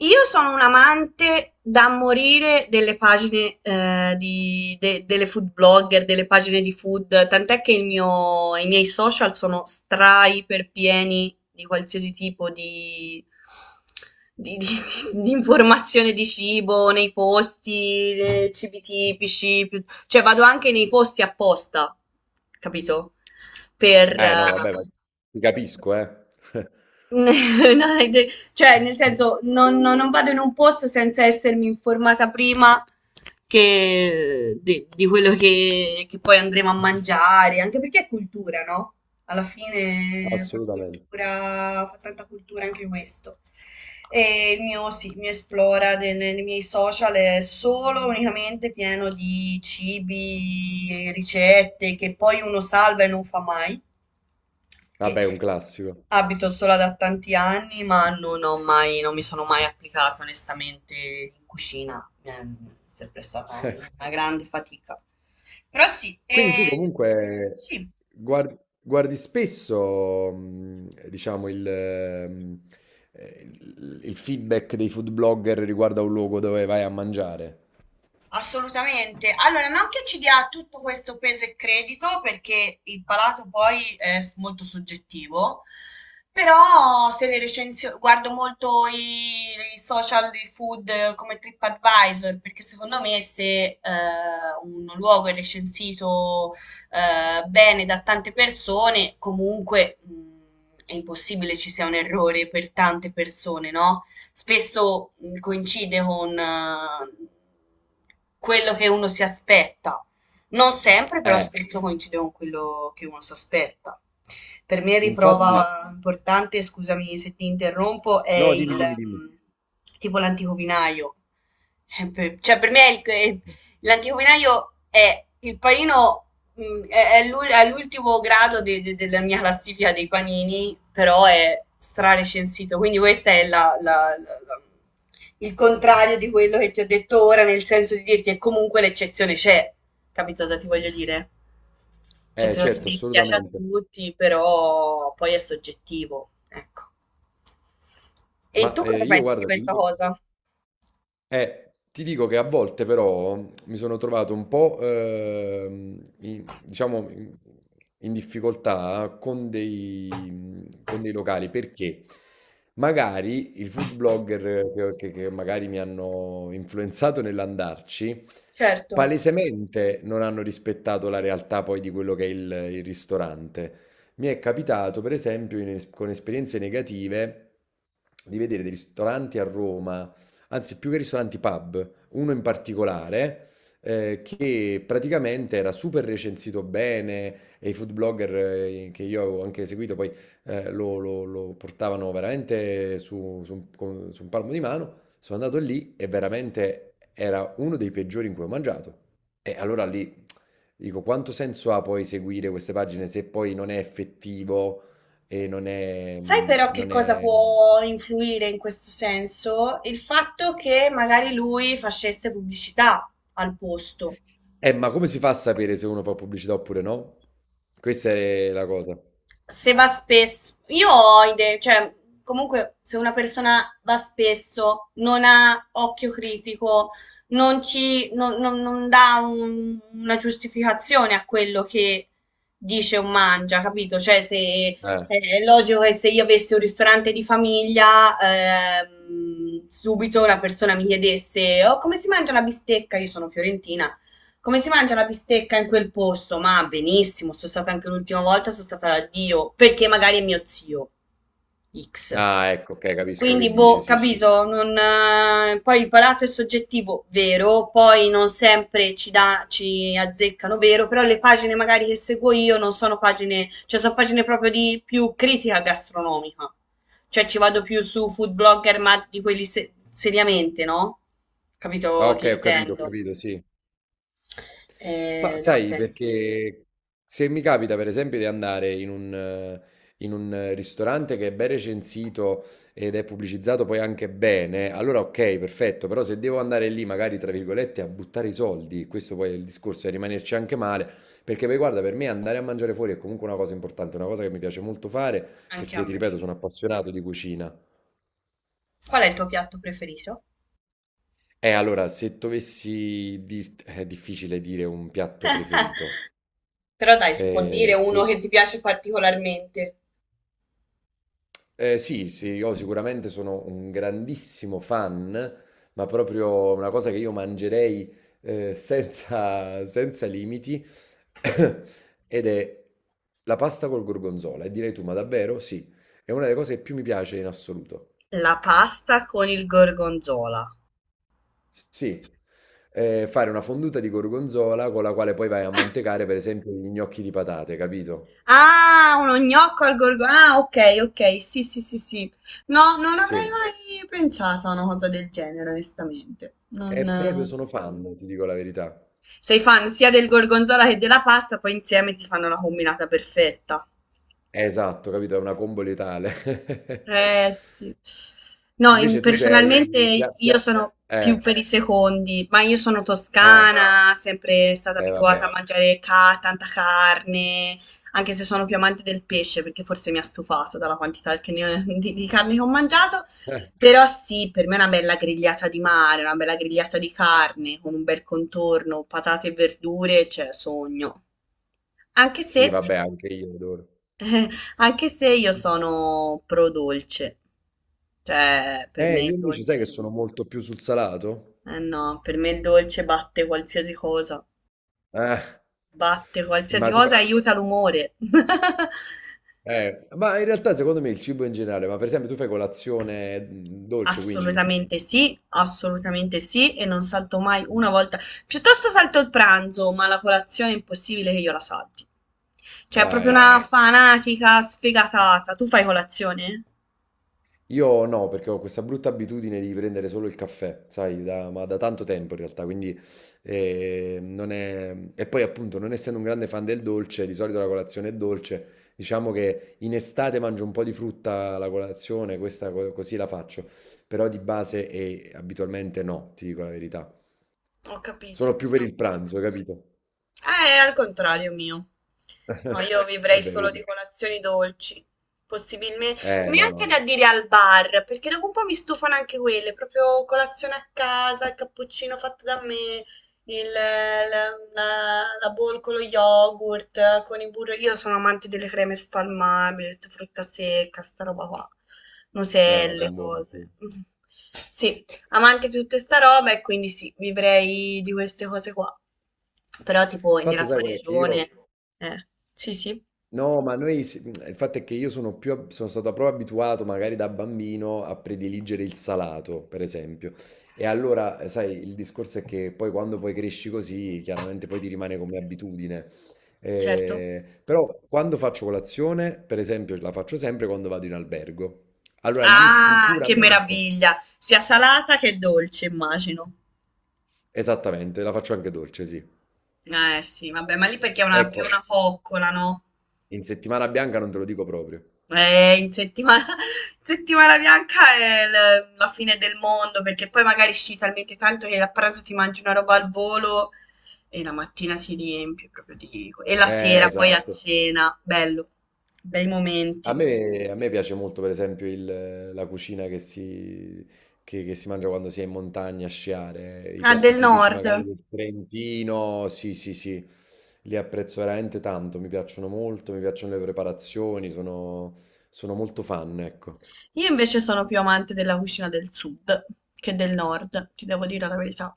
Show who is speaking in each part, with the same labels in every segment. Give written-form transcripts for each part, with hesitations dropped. Speaker 1: Io sono un amante da morire delle pagine, delle food blogger, delle pagine di food, tant'è che i miei social sono stra iper pieni di qualsiasi tipo di, di- di- di informazione di cibo, nei posti, cibi tipici, cioè vado anche nei posti apposta, capito? Per,
Speaker 2: Eh no,
Speaker 1: eh,
Speaker 2: vabbè, ma ti capisco, eh.
Speaker 1: No, cioè, nel senso, non vado in un posto senza essermi informata prima di quello che poi andremo a mangiare, anche perché è cultura, no? Alla fine fa
Speaker 2: Assolutamente.
Speaker 1: cultura, fa tanta cultura anche questo. E il mio, sì, il mio esplora nei miei social è solo unicamente pieno di cibi, ricette che poi uno salva e non fa mai.
Speaker 2: Vabbè, è un classico.
Speaker 1: Abito sola da tanti anni, ma non ho mai, non mi sono mai applicata onestamente in cucina. È sempre stata una grande fatica. Però sì,
Speaker 2: Quindi tu comunque
Speaker 1: sì.
Speaker 2: guardi spesso, diciamo, il- feedback dei food blogger riguardo a un luogo dove vai a mangiare.
Speaker 1: Assolutamente. Allora, non che ci dia tutto questo peso e credito, perché il palato poi è molto soggettivo, però se le recensioni, guardo molto i, i social di food come TripAdvisor, perché secondo me se un luogo è recensito bene da tante persone, comunque è impossibile ci sia un errore per tante persone, no? Spesso coincide con quello che uno si aspetta. Non sempre, però
Speaker 2: Eh,
Speaker 1: spesso coincide con quello che uno si aspetta. Per me
Speaker 2: infatti,
Speaker 1: riprova importante, scusami se ti interrompo, è
Speaker 2: no,
Speaker 1: il
Speaker 2: dimmi, dimmi, dimmi.
Speaker 1: tipo l'antico vinaio. Cioè, per me è il- è- l'antico vinaio è il panino. Mm, è è all'ultimo grado della mia classifica dei panini, però è strarecensito, quindi questo è la- la- il contrario di quello che ti ho detto ora, nel senso di dirti che comunque l'eccezione c'è, capito cosa ti voglio dire? Che secondo
Speaker 2: Certo,
Speaker 1: me piace a
Speaker 2: assolutamente.
Speaker 1: tutti, però poi è soggettivo, ecco. E tu cosa
Speaker 2: Io
Speaker 1: pensi di
Speaker 2: guarda,
Speaker 1: questa cosa?
Speaker 2: Ti dico che a volte però mi sono trovato un po', diciamo, in, in difficoltà con con dei locali perché magari il food blogger che magari mi hanno influenzato nell'andarci,
Speaker 1: Certo.
Speaker 2: palesemente non hanno rispettato la realtà poi di quello che è il ristorante. Mi è capitato, per esempio, con esperienze negative, di vedere dei ristoranti a Roma, anzi più che ristoranti pub, uno in particolare che praticamente era super recensito bene e i food blogger che io avevo anche seguito poi, lo portavano veramente su un palmo di mano. Sono andato lì e veramente era uno dei peggiori in cui ho mangiato. E allora lì dico, quanto senso ha poi seguire queste pagine se poi non è effettivo e non è...
Speaker 1: Sai però che
Speaker 2: non
Speaker 1: cosa
Speaker 2: è...
Speaker 1: può influire in questo senso? Il fatto che magari lui facesse pubblicità al posto.
Speaker 2: Ma come si fa a sapere se uno fa pubblicità oppure no? Questa è la cosa.
Speaker 1: Se va spesso, io ho idee, cioè comunque se una persona va spesso, non ha occhio critico, non ci, non, non- non dà una giustificazione a quello che dice o mangia, capito? Cioè se
Speaker 2: Eh.
Speaker 1: è logico che se io avessi un ristorante di famiglia, subito una persona mi chiedesse, oh, come si mangia la bistecca? Io sono fiorentina, come si mangia la bistecca in quel posto? Ma benissimo, sono stata anche l'ultima volta, sono stata da Dio, perché magari è mio zio X.
Speaker 2: Ah, ecco, okay, capisco che
Speaker 1: Quindi,
Speaker 2: dici,
Speaker 1: boh,
Speaker 2: sì, sì.
Speaker 1: capito? Non, Poi il palato è soggettivo, vero, poi non sempre ci, dà, ci azzeccano, vero, però le pagine magari che seguo io non sono pagine, cioè sono pagine proprio di più critica gastronomica. Cioè ci vado più su food blogger, ma di quelli seriamente, no?
Speaker 2: Ah,
Speaker 1: Capito che
Speaker 2: okay, ho
Speaker 1: intendo?
Speaker 2: capito, sì. Ma
Speaker 1: Da
Speaker 2: sai,
Speaker 1: sempre.
Speaker 2: perché se mi capita per esempio di andare in un ristorante che è ben recensito ed è pubblicizzato poi anche bene, allora ok, perfetto, però se devo andare lì magari tra virgolette a buttare i soldi, questo poi è il discorso, è rimanerci anche male, perché poi guarda, per me andare a mangiare fuori è comunque una cosa importante, una cosa che mi piace molto fare,
Speaker 1: Anche a
Speaker 2: perché ti
Speaker 1: me.
Speaker 2: ripeto, sono appassionato di cucina.
Speaker 1: Qual è il tuo piatto preferito?
Speaker 2: E allora, se dovessi dirti, è difficile dire un piatto preferito.
Speaker 1: Però dai, si può dire uno
Speaker 2: Sì.
Speaker 1: che ti piace particolarmente.
Speaker 2: Sì, io sicuramente sono un grandissimo fan, ma proprio una cosa che io mangerei senza limiti, ed è la pasta col gorgonzola. E direi tu, ma davvero? Sì, è una delle cose che più mi piace in assoluto.
Speaker 1: La pasta con il gorgonzola.
Speaker 2: Sì, eh, fare una fonduta di gorgonzola con la quale poi vai a mantecare, per esempio, gli gnocchi di patate, capito?
Speaker 1: Ah, uno gnocco al gorgonzola. Ah, ok, ok, sì, sì, sì, sì. No, non avrei
Speaker 2: Sì,
Speaker 1: mai pensato a una cosa del genere, onestamente.
Speaker 2: e
Speaker 1: Non,
Speaker 2: proprio sono fan, ti dico la verità.
Speaker 1: Sei fan sia del gorgonzola che della pasta, poi insieme ti fanno la combinata perfetta.
Speaker 2: Esatto, capito? È una combo letale.
Speaker 1: Eh sì. No, sì.
Speaker 2: Invece tu sei pia
Speaker 1: Personalmente
Speaker 2: pia
Speaker 1: io sono più
Speaker 2: eh,
Speaker 1: per i secondi, ma io sono
Speaker 2: ah,
Speaker 1: toscana, sempre stata abituata
Speaker 2: vabbè.
Speaker 1: a mangiare tanta carne, anche se sono più amante del pesce, perché forse mi ha stufato dalla quantità di carne che ho mangiato.
Speaker 2: Eh,
Speaker 1: Però sì, per me è una bella grigliata di mare, una bella grigliata di carne con un bel contorno, patate e verdure, cioè sogno. Anche
Speaker 2: sì
Speaker 1: se
Speaker 2: vabbè anche io adoro.
Speaker 1: io sono pro dolce, cioè per me
Speaker 2: Io
Speaker 1: il
Speaker 2: invece sai che
Speaker 1: dolce,
Speaker 2: sono molto più sul salato?
Speaker 1: eh no, per me il dolce
Speaker 2: Eh.
Speaker 1: batte qualsiasi
Speaker 2: Ma tu fai
Speaker 1: cosa e aiuta l'umore.
Speaker 2: ma in realtà secondo me il cibo in generale, ma per esempio tu fai colazione, mhmm, dolce quindi?
Speaker 1: Assolutamente sì, e non salto mai
Speaker 2: Mh.
Speaker 1: una volta. Piuttosto salto il pranzo, ma la colazione è impossibile che io la salti. Cioè, è
Speaker 2: Ah,
Speaker 1: proprio una
Speaker 2: ecco.
Speaker 1: fanatica sfegatata. Tu fai colazione?
Speaker 2: Io no, perché ho questa brutta abitudine di prendere solo il caffè, ma da tanto tempo in realtà, quindi non è... E poi appunto, non essendo un grande fan del dolce, di solito la colazione è dolce, diciamo che in estate mangio un po' di frutta alla colazione, questa così la faccio, però di base e abitualmente no, ti dico la verità.
Speaker 1: Ho
Speaker 2: Sono
Speaker 1: capito.
Speaker 2: più per il pranzo, capito?
Speaker 1: È al contrario mio. No, io vivrei
Speaker 2: Vabbè,
Speaker 1: solo
Speaker 2: vedi.
Speaker 1: di colazioni dolci, possibilmente
Speaker 2: No,
Speaker 1: neanche da
Speaker 2: no,
Speaker 1: dire al bar, perché dopo un po' mi stufano anche quelle, proprio colazione a casa, il cappuccino fatto da me, il- la, la bowl con lo yogurt, con il burro. Io sono amante delle creme spalmabili, frutta secca, sta roba qua,
Speaker 2: no,
Speaker 1: nutelle,
Speaker 2: sono buono, sì.
Speaker 1: cose.
Speaker 2: Il
Speaker 1: Mm. Sì, amante di tutta sta roba e quindi sì, vivrei di queste cose qua. Però tipo
Speaker 2: fatto,
Speaker 1: nella
Speaker 2: sai,
Speaker 1: tua
Speaker 2: qual è che io...
Speaker 1: regione. Eh, sì, sì,
Speaker 2: No, ma mhmm, il fatto è che io sono più, sono stato proprio abituato, magari da bambino, a prediligere il salato, per esempio. Sai, il discorso è che poi quando poi cresci così, chiaramente poi ti rimane come abitudine.
Speaker 1: certo.
Speaker 2: Però quando faccio colazione, per esempio, la faccio sempre quando vado in albergo. Allora lì
Speaker 1: Ah, che
Speaker 2: sicuramente,
Speaker 1: meraviglia! Sia salata che dolce, immagino.
Speaker 2: esattamente, la faccio anche dolce, sì.
Speaker 1: Eh sì, vabbè, ma lì perché è una, più
Speaker 2: Ecco,
Speaker 1: una coccola, no?
Speaker 2: in settimana bianca non te lo dico proprio.
Speaker 1: In settimana, in settimana bianca è la fine del mondo perché poi magari sci talmente tanto che a pranzo ti mangi una roba al volo. E la mattina si riempie proprio di... E la sera poi a
Speaker 2: Esatto.
Speaker 1: cena, bello, bei momenti.
Speaker 2: A me piace molto, per esempio, la cucina che si mangia quando si è in montagna a sciare, i
Speaker 1: Ah,
Speaker 2: piatti
Speaker 1: del
Speaker 2: tipici
Speaker 1: nord.
Speaker 2: magari del Trentino, sì, sì, sì, li apprezzo veramente tanto, mi piacciono molto, mi piacciono le preparazioni, sono molto fan, ecco.
Speaker 1: Io invece sono più amante della cucina del sud che del nord, ti devo dire la verità.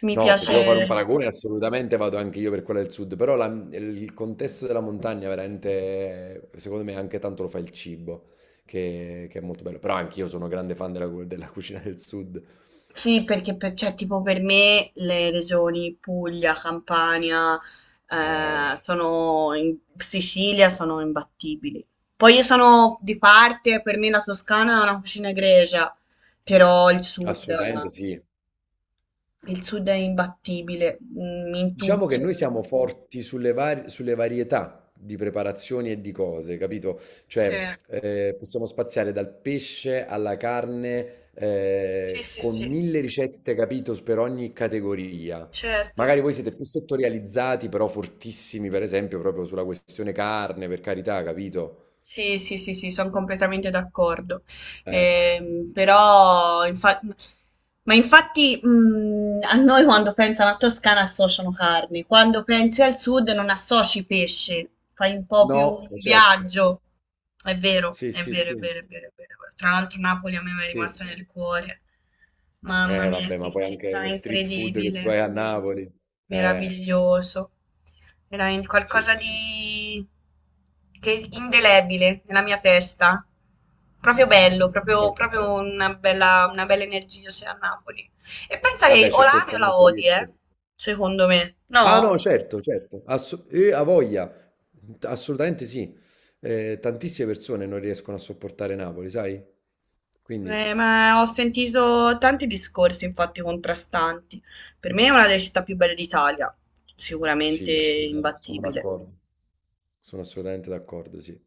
Speaker 1: Mi
Speaker 2: No, se devo fare un
Speaker 1: piace,
Speaker 2: paragone, assolutamente vado anche io per quella del sud, il contesto della montagna veramente, secondo me, anche tanto lo fa il cibo, che è molto bello. Però anch'io sono grande fan della cucina del sud.
Speaker 1: sì, perché per, cioè, tipo per me le regioni Puglia, Campania,
Speaker 2: Eh,
Speaker 1: sono Sicilia sono imbattibili. Poi io sono di parte, per me la Toscana è una cucina egregia, però il sud...
Speaker 2: assolutamente sì.
Speaker 1: Il sud è imbattibile, mm, in
Speaker 2: Diciamo che
Speaker 1: tutto.
Speaker 2: noi siamo forti sulle varietà di preparazioni e di cose, capito?
Speaker 1: Sì,
Speaker 2: Cioè, possiamo spaziare dal pesce alla carne,
Speaker 1: sì, sì,
Speaker 2: con
Speaker 1: sì,
Speaker 2: mille ricette, capito, per ogni categoria.
Speaker 1: certo.
Speaker 2: Magari voi siete più settorializzati, però fortissimi, per esempio, proprio sulla questione carne, per carità, capito?
Speaker 1: Sì, sì, sì, sì, sono completamente d'accordo.
Speaker 2: Eh,
Speaker 1: Però, ma infatti, a noi quando pensano a Toscana associano carne, quando pensi al sud non associ pesce, fai un po' più
Speaker 2: No,
Speaker 1: un
Speaker 2: certo.
Speaker 1: viaggio. È vero,
Speaker 2: Sì,
Speaker 1: è sì,
Speaker 2: sì,
Speaker 1: vero, è
Speaker 2: sì,
Speaker 1: vero, è vero, è vero. Tra l'altro Napoli a me mi è
Speaker 2: sì.
Speaker 1: rimasta nel cuore. Mamma
Speaker 2: Eh
Speaker 1: mia,
Speaker 2: vabbè, ma
Speaker 1: che
Speaker 2: poi anche
Speaker 1: città
Speaker 2: lo street food che tu
Speaker 1: incredibile.
Speaker 2: hai a Napoli. Eh,
Speaker 1: Meraviglioso. Era
Speaker 2: sì,
Speaker 1: qualcosa
Speaker 2: sì, sì.
Speaker 1: di che indelebile nella mia testa. Proprio bello, proprio,
Speaker 2: Eh,
Speaker 1: proprio una bella energia c'è a Napoli. E pensa che
Speaker 2: vabbè,
Speaker 1: o
Speaker 2: c'è
Speaker 1: la
Speaker 2: quel
Speaker 1: ami o la
Speaker 2: famoso
Speaker 1: odi, eh?
Speaker 2: detto.
Speaker 1: Secondo me.
Speaker 2: Ah
Speaker 1: No?
Speaker 2: no, certo, certo. A voglia. Assolutamente sì. Tantissime persone non riescono a sopportare Napoli, sai? Quindi
Speaker 1: Ma ho sentito tanti discorsi, infatti, contrastanti. Per me è una delle città più belle d'Italia, sicuramente
Speaker 2: sì, assolutamente, sono
Speaker 1: imbattibile.
Speaker 2: d'accordo. Sono assolutamente d'accordo, sì.